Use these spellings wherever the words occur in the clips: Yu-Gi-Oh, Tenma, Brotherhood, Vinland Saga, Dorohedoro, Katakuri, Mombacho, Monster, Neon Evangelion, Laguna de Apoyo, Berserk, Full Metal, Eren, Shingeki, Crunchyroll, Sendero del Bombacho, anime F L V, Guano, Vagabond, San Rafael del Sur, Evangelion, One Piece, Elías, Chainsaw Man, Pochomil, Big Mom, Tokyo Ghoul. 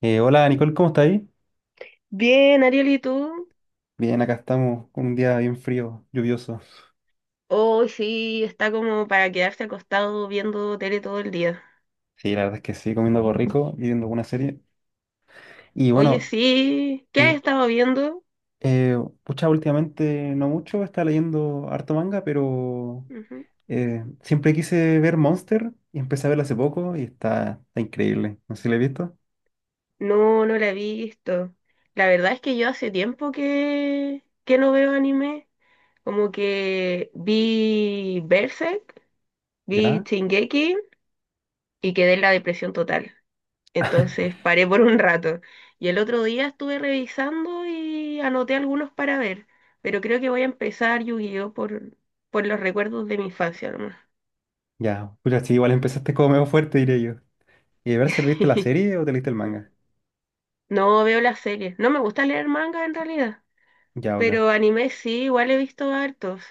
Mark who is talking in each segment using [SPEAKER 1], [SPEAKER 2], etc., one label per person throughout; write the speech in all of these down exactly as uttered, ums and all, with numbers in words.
[SPEAKER 1] Eh, hola Nicole, ¿cómo está ahí?
[SPEAKER 2] Bien, Ariel, ¿y tú?
[SPEAKER 1] Bien, acá estamos con un día bien frío, lluvioso.
[SPEAKER 2] Hoy sí, está como para quedarse acostado viendo tele todo el día.
[SPEAKER 1] Sí, la verdad es que sí, comiendo algo rico y viendo alguna serie. Y
[SPEAKER 2] Oye,
[SPEAKER 1] bueno,
[SPEAKER 2] sí, ¿qué has
[SPEAKER 1] sí.
[SPEAKER 2] estado viendo?
[SPEAKER 1] Eh, Pucha, últimamente no mucho, estaba leyendo harto manga, pero
[SPEAKER 2] Ujú.
[SPEAKER 1] eh, siempre quise ver Monster y empecé a verlo hace poco y está, está increíble. No sé si lo he visto.
[SPEAKER 2] No, no la he visto. La verdad es que yo hace tiempo que, que no veo anime. Como que vi Berserk, vi
[SPEAKER 1] ¿Ya?
[SPEAKER 2] Shingeki y quedé en la depresión total. Entonces paré por un rato. Y el otro día estuve revisando y anoté algunos para ver. Pero creo que voy a empezar Yu-Gi-Oh por, por los recuerdos de mi infancia nomás.
[SPEAKER 1] Ya. Pucha, sí, igual empezaste como medio fuerte, diré yo. ¿Y a ver si viste la serie o te leíste el manga?
[SPEAKER 2] No veo las series. No me gusta leer manga en realidad.
[SPEAKER 1] Ya, ok.
[SPEAKER 2] Pero anime sí, igual he visto hartos.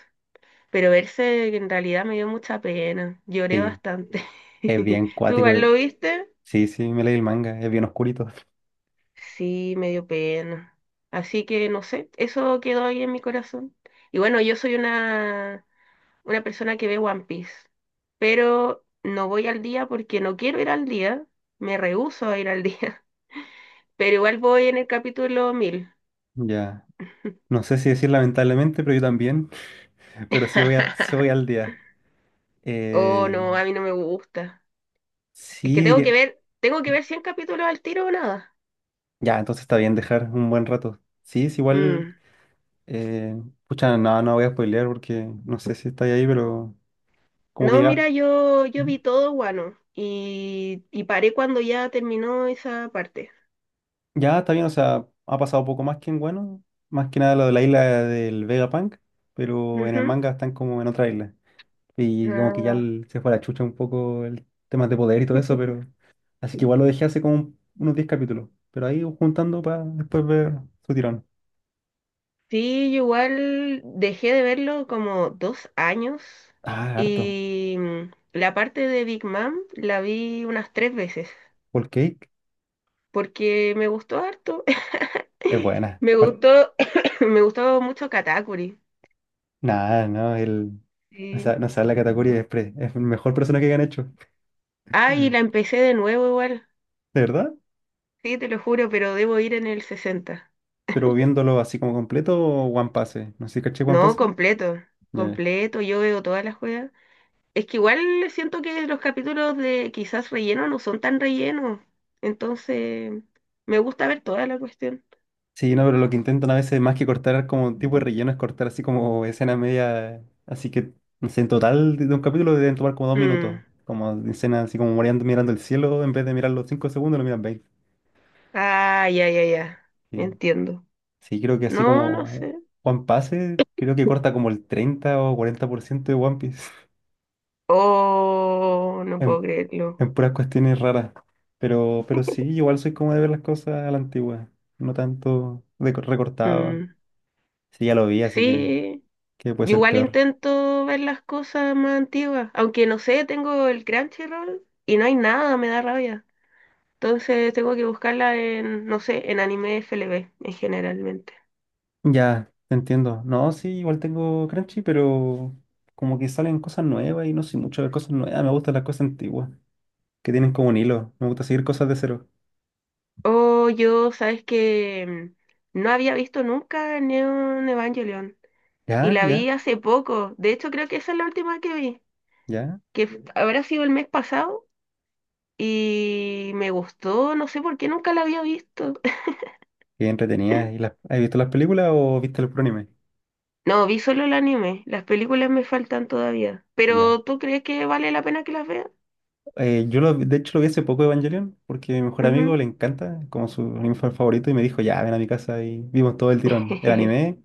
[SPEAKER 2] Pero verse en realidad me dio mucha pena. Lloré
[SPEAKER 1] Sí,
[SPEAKER 2] bastante.
[SPEAKER 1] es bien
[SPEAKER 2] ¿Tú
[SPEAKER 1] cuático.
[SPEAKER 2] igual lo
[SPEAKER 1] eh.
[SPEAKER 2] viste?
[SPEAKER 1] Sí, sí, me leí el manga, es bien oscurito.
[SPEAKER 2] Sí, me dio pena. Así que no sé, eso quedó ahí en mi corazón. Y bueno, yo soy una una persona que ve One Piece, pero no voy al día porque no quiero ir al día, me rehúso a ir al día, pero igual voy en el capítulo mil.
[SPEAKER 1] Ya. No sé si decir lamentablemente, pero yo también. Pero sí voy, a- sí voy al día.
[SPEAKER 2] Oh,
[SPEAKER 1] Eh,
[SPEAKER 2] no, a mí no me gusta. Es que
[SPEAKER 1] sí,
[SPEAKER 2] tengo que
[SPEAKER 1] diría.
[SPEAKER 2] ver, tengo que ver cien capítulos al tiro o nada.
[SPEAKER 1] Ya, entonces está bien dejar un buen rato. Sí, es igual.
[SPEAKER 2] Mm.
[SPEAKER 1] Eh, Pucha, no, no voy a spoilear porque no sé si está ahí, pero como que
[SPEAKER 2] No,
[SPEAKER 1] ya.
[SPEAKER 2] mira, yo, yo vi todo Guano y, y paré cuando ya terminó esa parte.
[SPEAKER 1] Ya está bien, o sea, ha pasado poco más que en bueno. Más que nada lo de la isla del Vegapunk, pero en el
[SPEAKER 2] Ujú.
[SPEAKER 1] manga están como en otra isla. Y como que ya
[SPEAKER 2] Ah,
[SPEAKER 1] el- se fue a la chucha un poco el tema de poder y todo eso, pero... Así que igual lo dejé hace como un- unos diez capítulos. Pero ahí juntando para después ver su tirón.
[SPEAKER 2] sí, yo igual dejé de verlo como dos años
[SPEAKER 1] Ah, harto.
[SPEAKER 2] y mm, la parte de Big Mom la vi unas tres veces
[SPEAKER 1] Whole Cake
[SPEAKER 2] porque me gustó harto.
[SPEAKER 1] es buena.
[SPEAKER 2] Me
[SPEAKER 1] Par-
[SPEAKER 2] gustó, me gustó mucho Katakuri.
[SPEAKER 1] Nada, no, el... No
[SPEAKER 2] Sí.
[SPEAKER 1] sabe, no sabe la categoría de Express. Es el mejor persona que han hecho.
[SPEAKER 2] Ah, y
[SPEAKER 1] ¿De
[SPEAKER 2] la empecé de nuevo igual.
[SPEAKER 1] verdad?
[SPEAKER 2] Sí, te lo juro, pero debo ir en el sesenta.
[SPEAKER 1] Pero viéndolo así como completo, One Piece. No sé si caché One
[SPEAKER 2] No,
[SPEAKER 1] Piece.
[SPEAKER 2] completo,
[SPEAKER 1] Ya.
[SPEAKER 2] completo, yo veo todas las juegas. Es que igual siento que los capítulos de quizás relleno no son tan rellenos. Entonces, me gusta ver toda la cuestión.
[SPEAKER 1] Sí, no, pero lo que intentan a veces más que cortar como tipo de relleno es cortar así como escena media. Así que, no sé, en total de de un capítulo deben tomar como dos minutos.
[SPEAKER 2] Mm.
[SPEAKER 1] Como de escena así como mirando, mirando el cielo, en vez de mirar los cinco segundos, lo miran veinte.
[SPEAKER 2] Ah, ya, ya, ya.
[SPEAKER 1] Sí,
[SPEAKER 2] Entiendo.
[SPEAKER 1] Sí, creo que así
[SPEAKER 2] No, no
[SPEAKER 1] como
[SPEAKER 2] sé.
[SPEAKER 1] One Piece, creo que corta como el treinta o cuarenta por ciento de One Piece
[SPEAKER 2] Oh, no puedo
[SPEAKER 1] en,
[SPEAKER 2] creerlo.
[SPEAKER 1] en puras cuestiones raras. Pero, pero sí, igual soy como de ver las cosas a la antigua, no tanto de co- recortado.
[SPEAKER 2] Mm.
[SPEAKER 1] Sí, ya lo vi, así que,
[SPEAKER 2] Sí,
[SPEAKER 1] que puede
[SPEAKER 2] yo
[SPEAKER 1] ser
[SPEAKER 2] igual
[SPEAKER 1] peor.
[SPEAKER 2] intento ver las cosas más antiguas. Aunque no sé, tengo el Crunchyroll y no hay nada, me da rabia. Entonces tengo que buscarla en, no sé, en anime F L V en generalmente.
[SPEAKER 1] Ya, te entiendo. No, sí, igual tengo Crunchy, pero como que salen cosas nuevas y no sé mucho de cosas nuevas. Me gustan las cosas antiguas, que tienen como un hilo. Me gusta seguir cosas de cero.
[SPEAKER 2] Oh, yo, sabes que no había visto nunca Neon Evangelion y
[SPEAKER 1] Ya,
[SPEAKER 2] la vi
[SPEAKER 1] ya,
[SPEAKER 2] hace poco. De hecho, creo que esa es la última que vi,
[SPEAKER 1] ya.
[SPEAKER 2] que f- habrá sido el mes pasado y me gustó, no sé por qué nunca la había visto.
[SPEAKER 1] Qué entretenida. ¿Y las, has visto las películas o viste el puro anime?
[SPEAKER 2] No, vi solo el anime, las películas me faltan todavía.
[SPEAKER 1] Ya.
[SPEAKER 2] Pero ¿tú crees que vale la pena que las vea?
[SPEAKER 1] Eh, yo lo, de hecho lo vi hace poco Evangelion, porque mi mejor amigo
[SPEAKER 2] Ujú.
[SPEAKER 1] le encanta, como su anime fa- favorito, y me dijo, ya, ven a mi casa y vimos todo el tirón. El anime,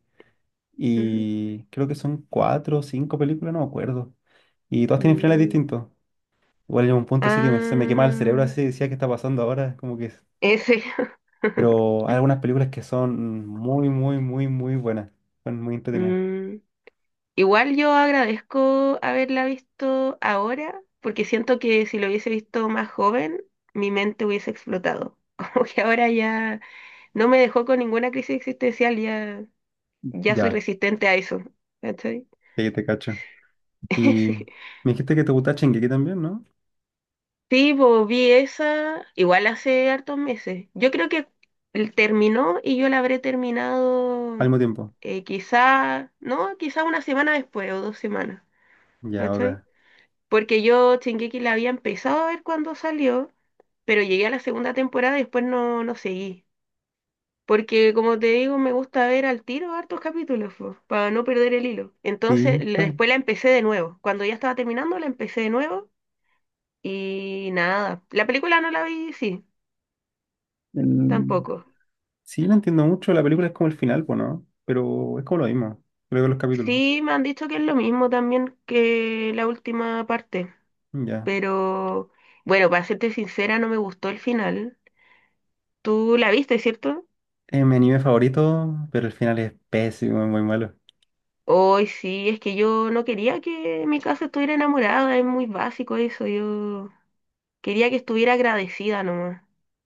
[SPEAKER 2] Ujú.
[SPEAKER 1] y creo que son cuatro o cinco películas, no me acuerdo. Y todas tienen finales
[SPEAKER 2] Mm.
[SPEAKER 1] distintos. Igual llegó un punto así que me- se me quemaba el cerebro
[SPEAKER 2] Ah,
[SPEAKER 1] así, decía, ¿qué está pasando ahora? Como que...
[SPEAKER 2] ese.
[SPEAKER 1] Pero hay algunas películas que son muy, muy, muy, muy buenas. Son muy entretenidas.
[SPEAKER 2] Mm. Igual yo agradezco haberla visto ahora, porque siento que si lo hubiese visto más joven, mi mente hubiese explotado. Como que ahora ya no me dejó con ninguna crisis existencial, ya, ya soy
[SPEAKER 1] Ya,
[SPEAKER 2] resistente a eso. ¿Cachai?
[SPEAKER 1] sí, te cacho. Y me dijiste que te gusta Shingeki también, ¿no?
[SPEAKER 2] Sí, sí, pues, vi esa igual hace hartos meses. Yo creo que el- terminó y yo la habré
[SPEAKER 1] Al
[SPEAKER 2] terminado
[SPEAKER 1] mismo tiempo.
[SPEAKER 2] eh, quizá, no, quizá una semana después o dos semanas.
[SPEAKER 1] Ya,
[SPEAKER 2] ¿Cachai?
[SPEAKER 1] ok.
[SPEAKER 2] Porque yo Shingeki la había empezado a ver cuando salió, pero llegué a la segunda temporada y después no, no seguí. Porque como te digo, me gusta ver al tiro hartos capítulos, po, para no perder el hilo. Entonces,
[SPEAKER 1] Sí,
[SPEAKER 2] le-
[SPEAKER 1] está-
[SPEAKER 2] después la empecé de nuevo. Cuando ya estaba terminando, la empecé de nuevo y nada. La película no la vi, sí,
[SPEAKER 1] mm,
[SPEAKER 2] tampoco.
[SPEAKER 1] sí, la entiendo mucho. La película es como el final, pues, ¿no? Pero es como lo mismo. Creo que los capítulos.
[SPEAKER 2] Sí, me han dicho que es lo mismo también que la última parte,
[SPEAKER 1] Ya.
[SPEAKER 2] pero bueno, para serte sincera, no me gustó el final. ¿Tú la viste, cierto?
[SPEAKER 1] Es mi anime favorito, pero el final es pésimo, es muy malo.
[SPEAKER 2] Hoy sí, es que yo no quería que mi casa estuviera enamorada, es muy básico eso, yo quería que estuviera agradecida nomás,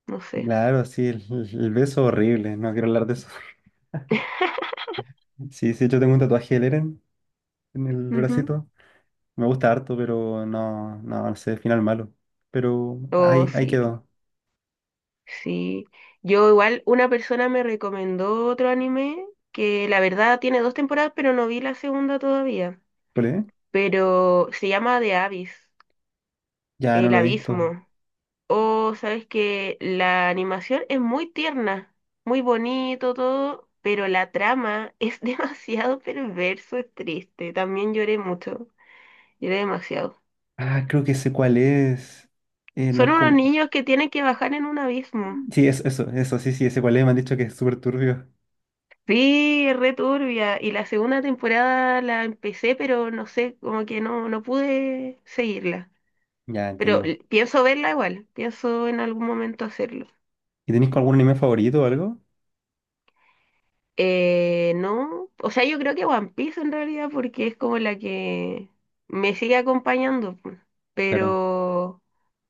[SPEAKER 2] no sé.
[SPEAKER 1] Claro, sí, el, el- el beso horrible. No quiero hablar de eso. Sí, sí, yo tengo un tatuaje del Eren en el
[SPEAKER 2] Ujú.
[SPEAKER 1] bracito. Me gusta harto, pero no, no, no sé, final malo. Pero
[SPEAKER 2] Oh,
[SPEAKER 1] ahí, ahí
[SPEAKER 2] sí,
[SPEAKER 1] quedó.
[SPEAKER 2] sí. Yo igual, una persona me recomendó otro anime que la verdad tiene dos temporadas, pero no vi la segunda todavía,
[SPEAKER 1] ¿Cuál es?
[SPEAKER 2] pero se llama The Abyss,
[SPEAKER 1] Ya no
[SPEAKER 2] El
[SPEAKER 1] lo he visto.
[SPEAKER 2] Abismo. O sabes que la animación es muy tierna, muy bonito todo, pero la trama es demasiado perverso, es triste. También lloré mucho, lloré demasiado.
[SPEAKER 1] Ah, creo que sé cuál es. Eh, no
[SPEAKER 2] Son
[SPEAKER 1] es
[SPEAKER 2] unos
[SPEAKER 1] como.
[SPEAKER 2] niños que tienen que bajar en un abismo.
[SPEAKER 1] Sí, eso, eso, eso, sí, sí, ese cuál es. Me han dicho que es súper turbio.
[SPEAKER 2] Sí, es re turbia. Y la segunda temporada la empecé, pero no sé, como que no, no pude seguirla.
[SPEAKER 1] Ya
[SPEAKER 2] Pero
[SPEAKER 1] entiendo.
[SPEAKER 2] l- pienso verla igual, pienso en algún momento hacerlo.
[SPEAKER 1] ¿Y tenéis
[SPEAKER 2] Sí.
[SPEAKER 1] algún anime favorito o algo?
[SPEAKER 2] Eh, no, O sea, yo creo que One Piece en realidad porque es como la que me sigue acompañando, pu.
[SPEAKER 1] Claro,
[SPEAKER 2] Pero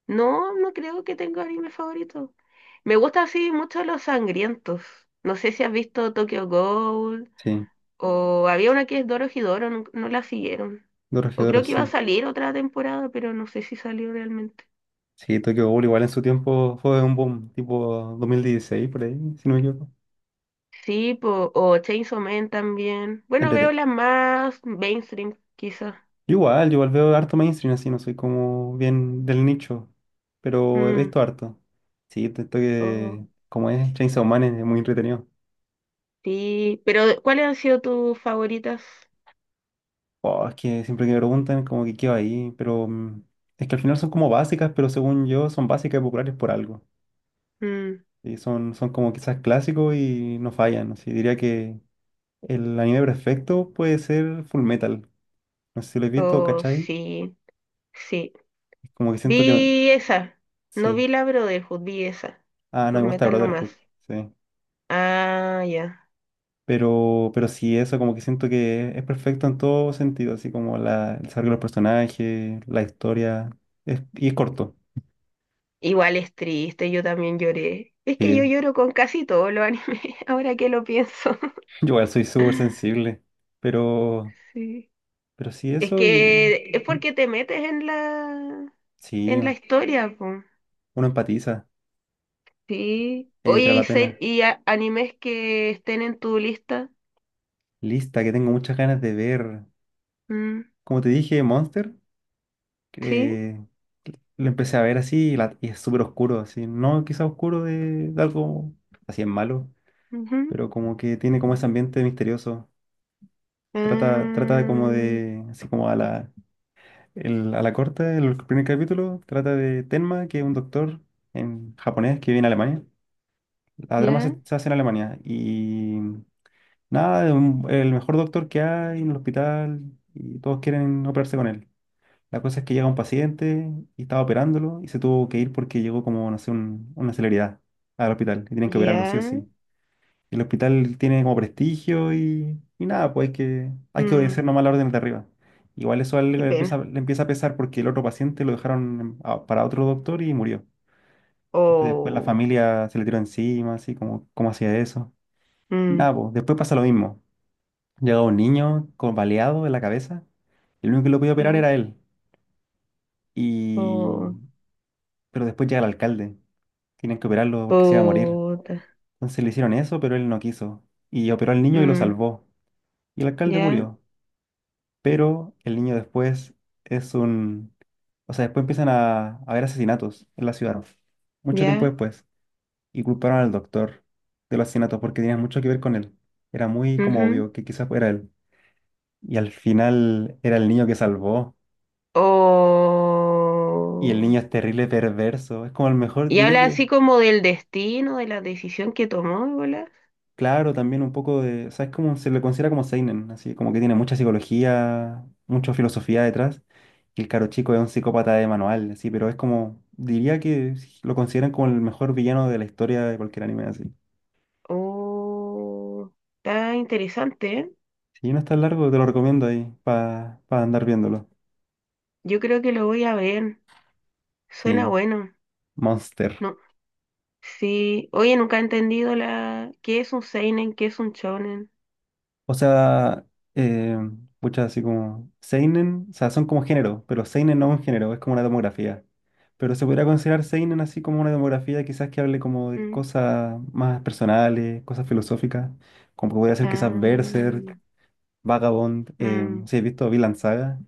[SPEAKER 2] no, no creo que tenga anime favorito. Me gustan así mucho los sangrientos. No sé si has visto Tokyo Ghoul
[SPEAKER 1] sí.
[SPEAKER 2] o había una que es Dorohedoro, no, no la siguieron. O
[SPEAKER 1] Dorohedoro,
[SPEAKER 2] creo que iba a
[SPEAKER 1] sí.
[SPEAKER 2] salir otra temporada, pero no sé si salió realmente.
[SPEAKER 1] Sí, Tokyo Ghoul igual en su tiempo fue un boom, tipo dos mil dieciséis por ahí, si no me equivoco.
[SPEAKER 2] Sí, po, o Chainsaw Man también. Bueno, veo
[SPEAKER 1] Entrete-
[SPEAKER 2] las más mainstream, quizás.
[SPEAKER 1] Yo igual, yo igual veo harto mainstream así, no soy como bien del nicho, pero he
[SPEAKER 2] Mm.
[SPEAKER 1] visto harto. Sí, esto esto
[SPEAKER 2] o-
[SPEAKER 1] que, como es Chainsaw Man, es muy entretenido.
[SPEAKER 2] Sí, pero ¿cuáles han sido tus favoritas?
[SPEAKER 1] Oh, es que siempre que me preguntan, como que quedo ahí, pero mm, es que al final son como básicas, pero según yo son básicas y populares por algo.
[SPEAKER 2] Mm,
[SPEAKER 1] Y son, son como quizás clásicos y no fallan. Así diría que el anime perfecto puede ser Full Metal. No sé si lo he visto,
[SPEAKER 2] oh,
[SPEAKER 1] ¿cachai?
[SPEAKER 2] sí, sí.
[SPEAKER 1] Como que siento que no-
[SPEAKER 2] Vi esa. No
[SPEAKER 1] sí.
[SPEAKER 2] vi la Brotherhood, vi esa.
[SPEAKER 1] Ah, no,
[SPEAKER 2] Full
[SPEAKER 1] me gusta
[SPEAKER 2] Metal nomás.
[SPEAKER 1] Brotherhood. Sí.
[SPEAKER 2] Ah, ya.
[SPEAKER 1] Pero, pero sí, eso como que siento que es perfecto en todo sentido, así como la, el desarrollo de los personajes, la historia, es, y es corto.
[SPEAKER 2] Igual es triste, yo también lloré. Es que
[SPEAKER 1] Sí,
[SPEAKER 2] yo lloro con casi todos los animes, ahora que lo pienso.
[SPEAKER 1] yo igual soy súper sensible, pero,
[SPEAKER 2] Sí.
[SPEAKER 1] pero sí,
[SPEAKER 2] Es
[SPEAKER 1] eso y...
[SPEAKER 2] que es
[SPEAKER 1] ¿Mm?
[SPEAKER 2] porque te metes en la
[SPEAKER 1] Sí,
[SPEAKER 2] en la historia, po.
[SPEAKER 1] uno empatiza,
[SPEAKER 2] Sí.
[SPEAKER 1] ahí
[SPEAKER 2] Oye,
[SPEAKER 1] entra
[SPEAKER 2] y,
[SPEAKER 1] la
[SPEAKER 2] se-
[SPEAKER 1] pena.
[SPEAKER 2] y a- animes que estén en tu lista.
[SPEAKER 1] Lista, que tengo muchas ganas de ver.
[SPEAKER 2] Mm,
[SPEAKER 1] Como te dije, Monster,
[SPEAKER 2] sí.
[SPEAKER 1] eh, lo empecé a ver así y, la- y es súper oscuro, así, no quizá oscuro de, de algo así es malo,
[SPEAKER 2] Ujú.
[SPEAKER 1] pero como que tiene como ese ambiente misterioso. Trata, trata de como
[SPEAKER 2] Ah,
[SPEAKER 1] de, así como a la, el- a la corta, el primer capítulo, trata de Tenma, que es un doctor en japonés que viene a Alemania. La trama se,
[SPEAKER 2] ya,
[SPEAKER 1] se hace en Alemania y nada, es un- el mejor doctor que hay en el hospital y todos quieren operarse con él. La cosa es que llega un paciente y estaba operándolo y se tuvo que ir porque llegó como, no sé, un- una celeridad al hospital y tienen que operarlo sí o
[SPEAKER 2] ya.
[SPEAKER 1] sí. El hospital tiene como prestigio y, y nada, pues hay que, hay que
[SPEAKER 2] Mm,
[SPEAKER 1] obedecer nomás las órdenes de arriba. Igual eso a él
[SPEAKER 2] qué
[SPEAKER 1] le empieza,
[SPEAKER 2] pena.
[SPEAKER 1] le empieza a pesar porque el otro paciente lo dejaron a- para otro doctor y murió. Entonces después la
[SPEAKER 2] Oh,
[SPEAKER 1] familia se le tiró encima, así como, ¿cómo hacía eso? Y
[SPEAKER 2] mm,
[SPEAKER 1] nada, pues después pasa lo mismo. Llega un niño con baleado en la cabeza y el único que lo podía operar
[SPEAKER 2] ya.
[SPEAKER 1] era él. Y...
[SPEAKER 2] Oh,
[SPEAKER 1] Pero después llega el alcalde. Tienen que operarlo porque se iba a morir.
[SPEAKER 2] puta.
[SPEAKER 1] Entonces le hicieron eso, pero él no quiso. Y operó al niño y lo
[SPEAKER 2] Mm,
[SPEAKER 1] salvó. Y el alcalde
[SPEAKER 2] ya,
[SPEAKER 1] murió. Pero el niño después es un... O sea, después empiezan a, a haber asesinatos en la ciudad, mucho tiempo
[SPEAKER 2] ya.
[SPEAKER 1] después, y culparon al doctor de los asesinatos porque tenía mucho que ver con él. Era muy como
[SPEAKER 2] Ujú.
[SPEAKER 1] obvio que quizás fuera él. Y al final era el niño que salvó, y el
[SPEAKER 2] Oh.
[SPEAKER 1] niño es terrible, perverso, es como el mejor,
[SPEAKER 2] Y
[SPEAKER 1] diría
[SPEAKER 2] habla
[SPEAKER 1] que...
[SPEAKER 2] así como del destino, de la decisión que tomó, de bolas.
[SPEAKER 1] Claro, también un poco de, ¿sabes cómo se le considera como seinen? Así como que tiene mucha psicología, mucha filosofía detrás. Y el caro chico es un psicópata de manual, así, pero es como, diría que lo consideran como el mejor villano de la historia de cualquier anime así.
[SPEAKER 2] Oh, está interesante, ¿eh?
[SPEAKER 1] Si no está largo, te lo recomiendo ahí para andar viéndolo.
[SPEAKER 2] Yo creo que lo voy a ver. Suena
[SPEAKER 1] Sí,
[SPEAKER 2] bueno.
[SPEAKER 1] Monster.
[SPEAKER 2] No, sí, oye, nunca he entendido la qué es un seinen, qué es un shonen.
[SPEAKER 1] O sea, eh, pucha, así como Seinen, o sea, son como género, pero Seinen no es un género, es como una demografía. Pero se podría considerar Seinen así como una demografía, quizás que hable como de
[SPEAKER 2] Mm,
[SPEAKER 1] cosas más personales, cosas filosóficas, como que podría ser quizás
[SPEAKER 2] ah,
[SPEAKER 1] Berserk, Vagabond, eh, no
[SPEAKER 2] mm.
[SPEAKER 1] sé, he visto Vinland Saga,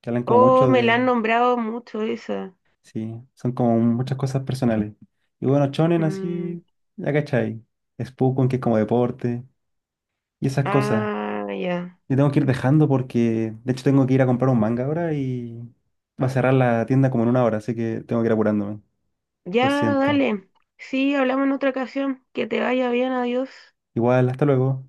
[SPEAKER 1] que hablan como
[SPEAKER 2] Oh,
[SPEAKER 1] mucho
[SPEAKER 2] me la han
[SPEAKER 1] de,
[SPEAKER 2] nombrado mucho esa.
[SPEAKER 1] sí, son como muchas cosas personales. Y bueno, Shonen
[SPEAKER 2] Mm,
[SPEAKER 1] así, ya cachai, Spokon, que es como deporte, y esas cosas.
[SPEAKER 2] ah, ya.
[SPEAKER 1] Yo tengo que ir dejando porque, de hecho, tengo que ir a comprar un manga ahora y va a cerrar la tienda como en una hora, así que tengo que ir apurándome. Lo
[SPEAKER 2] Ya,
[SPEAKER 1] siento.
[SPEAKER 2] dale. Sí, hablamos en otra ocasión. Que te vaya bien, adiós.
[SPEAKER 1] Igual, hasta luego.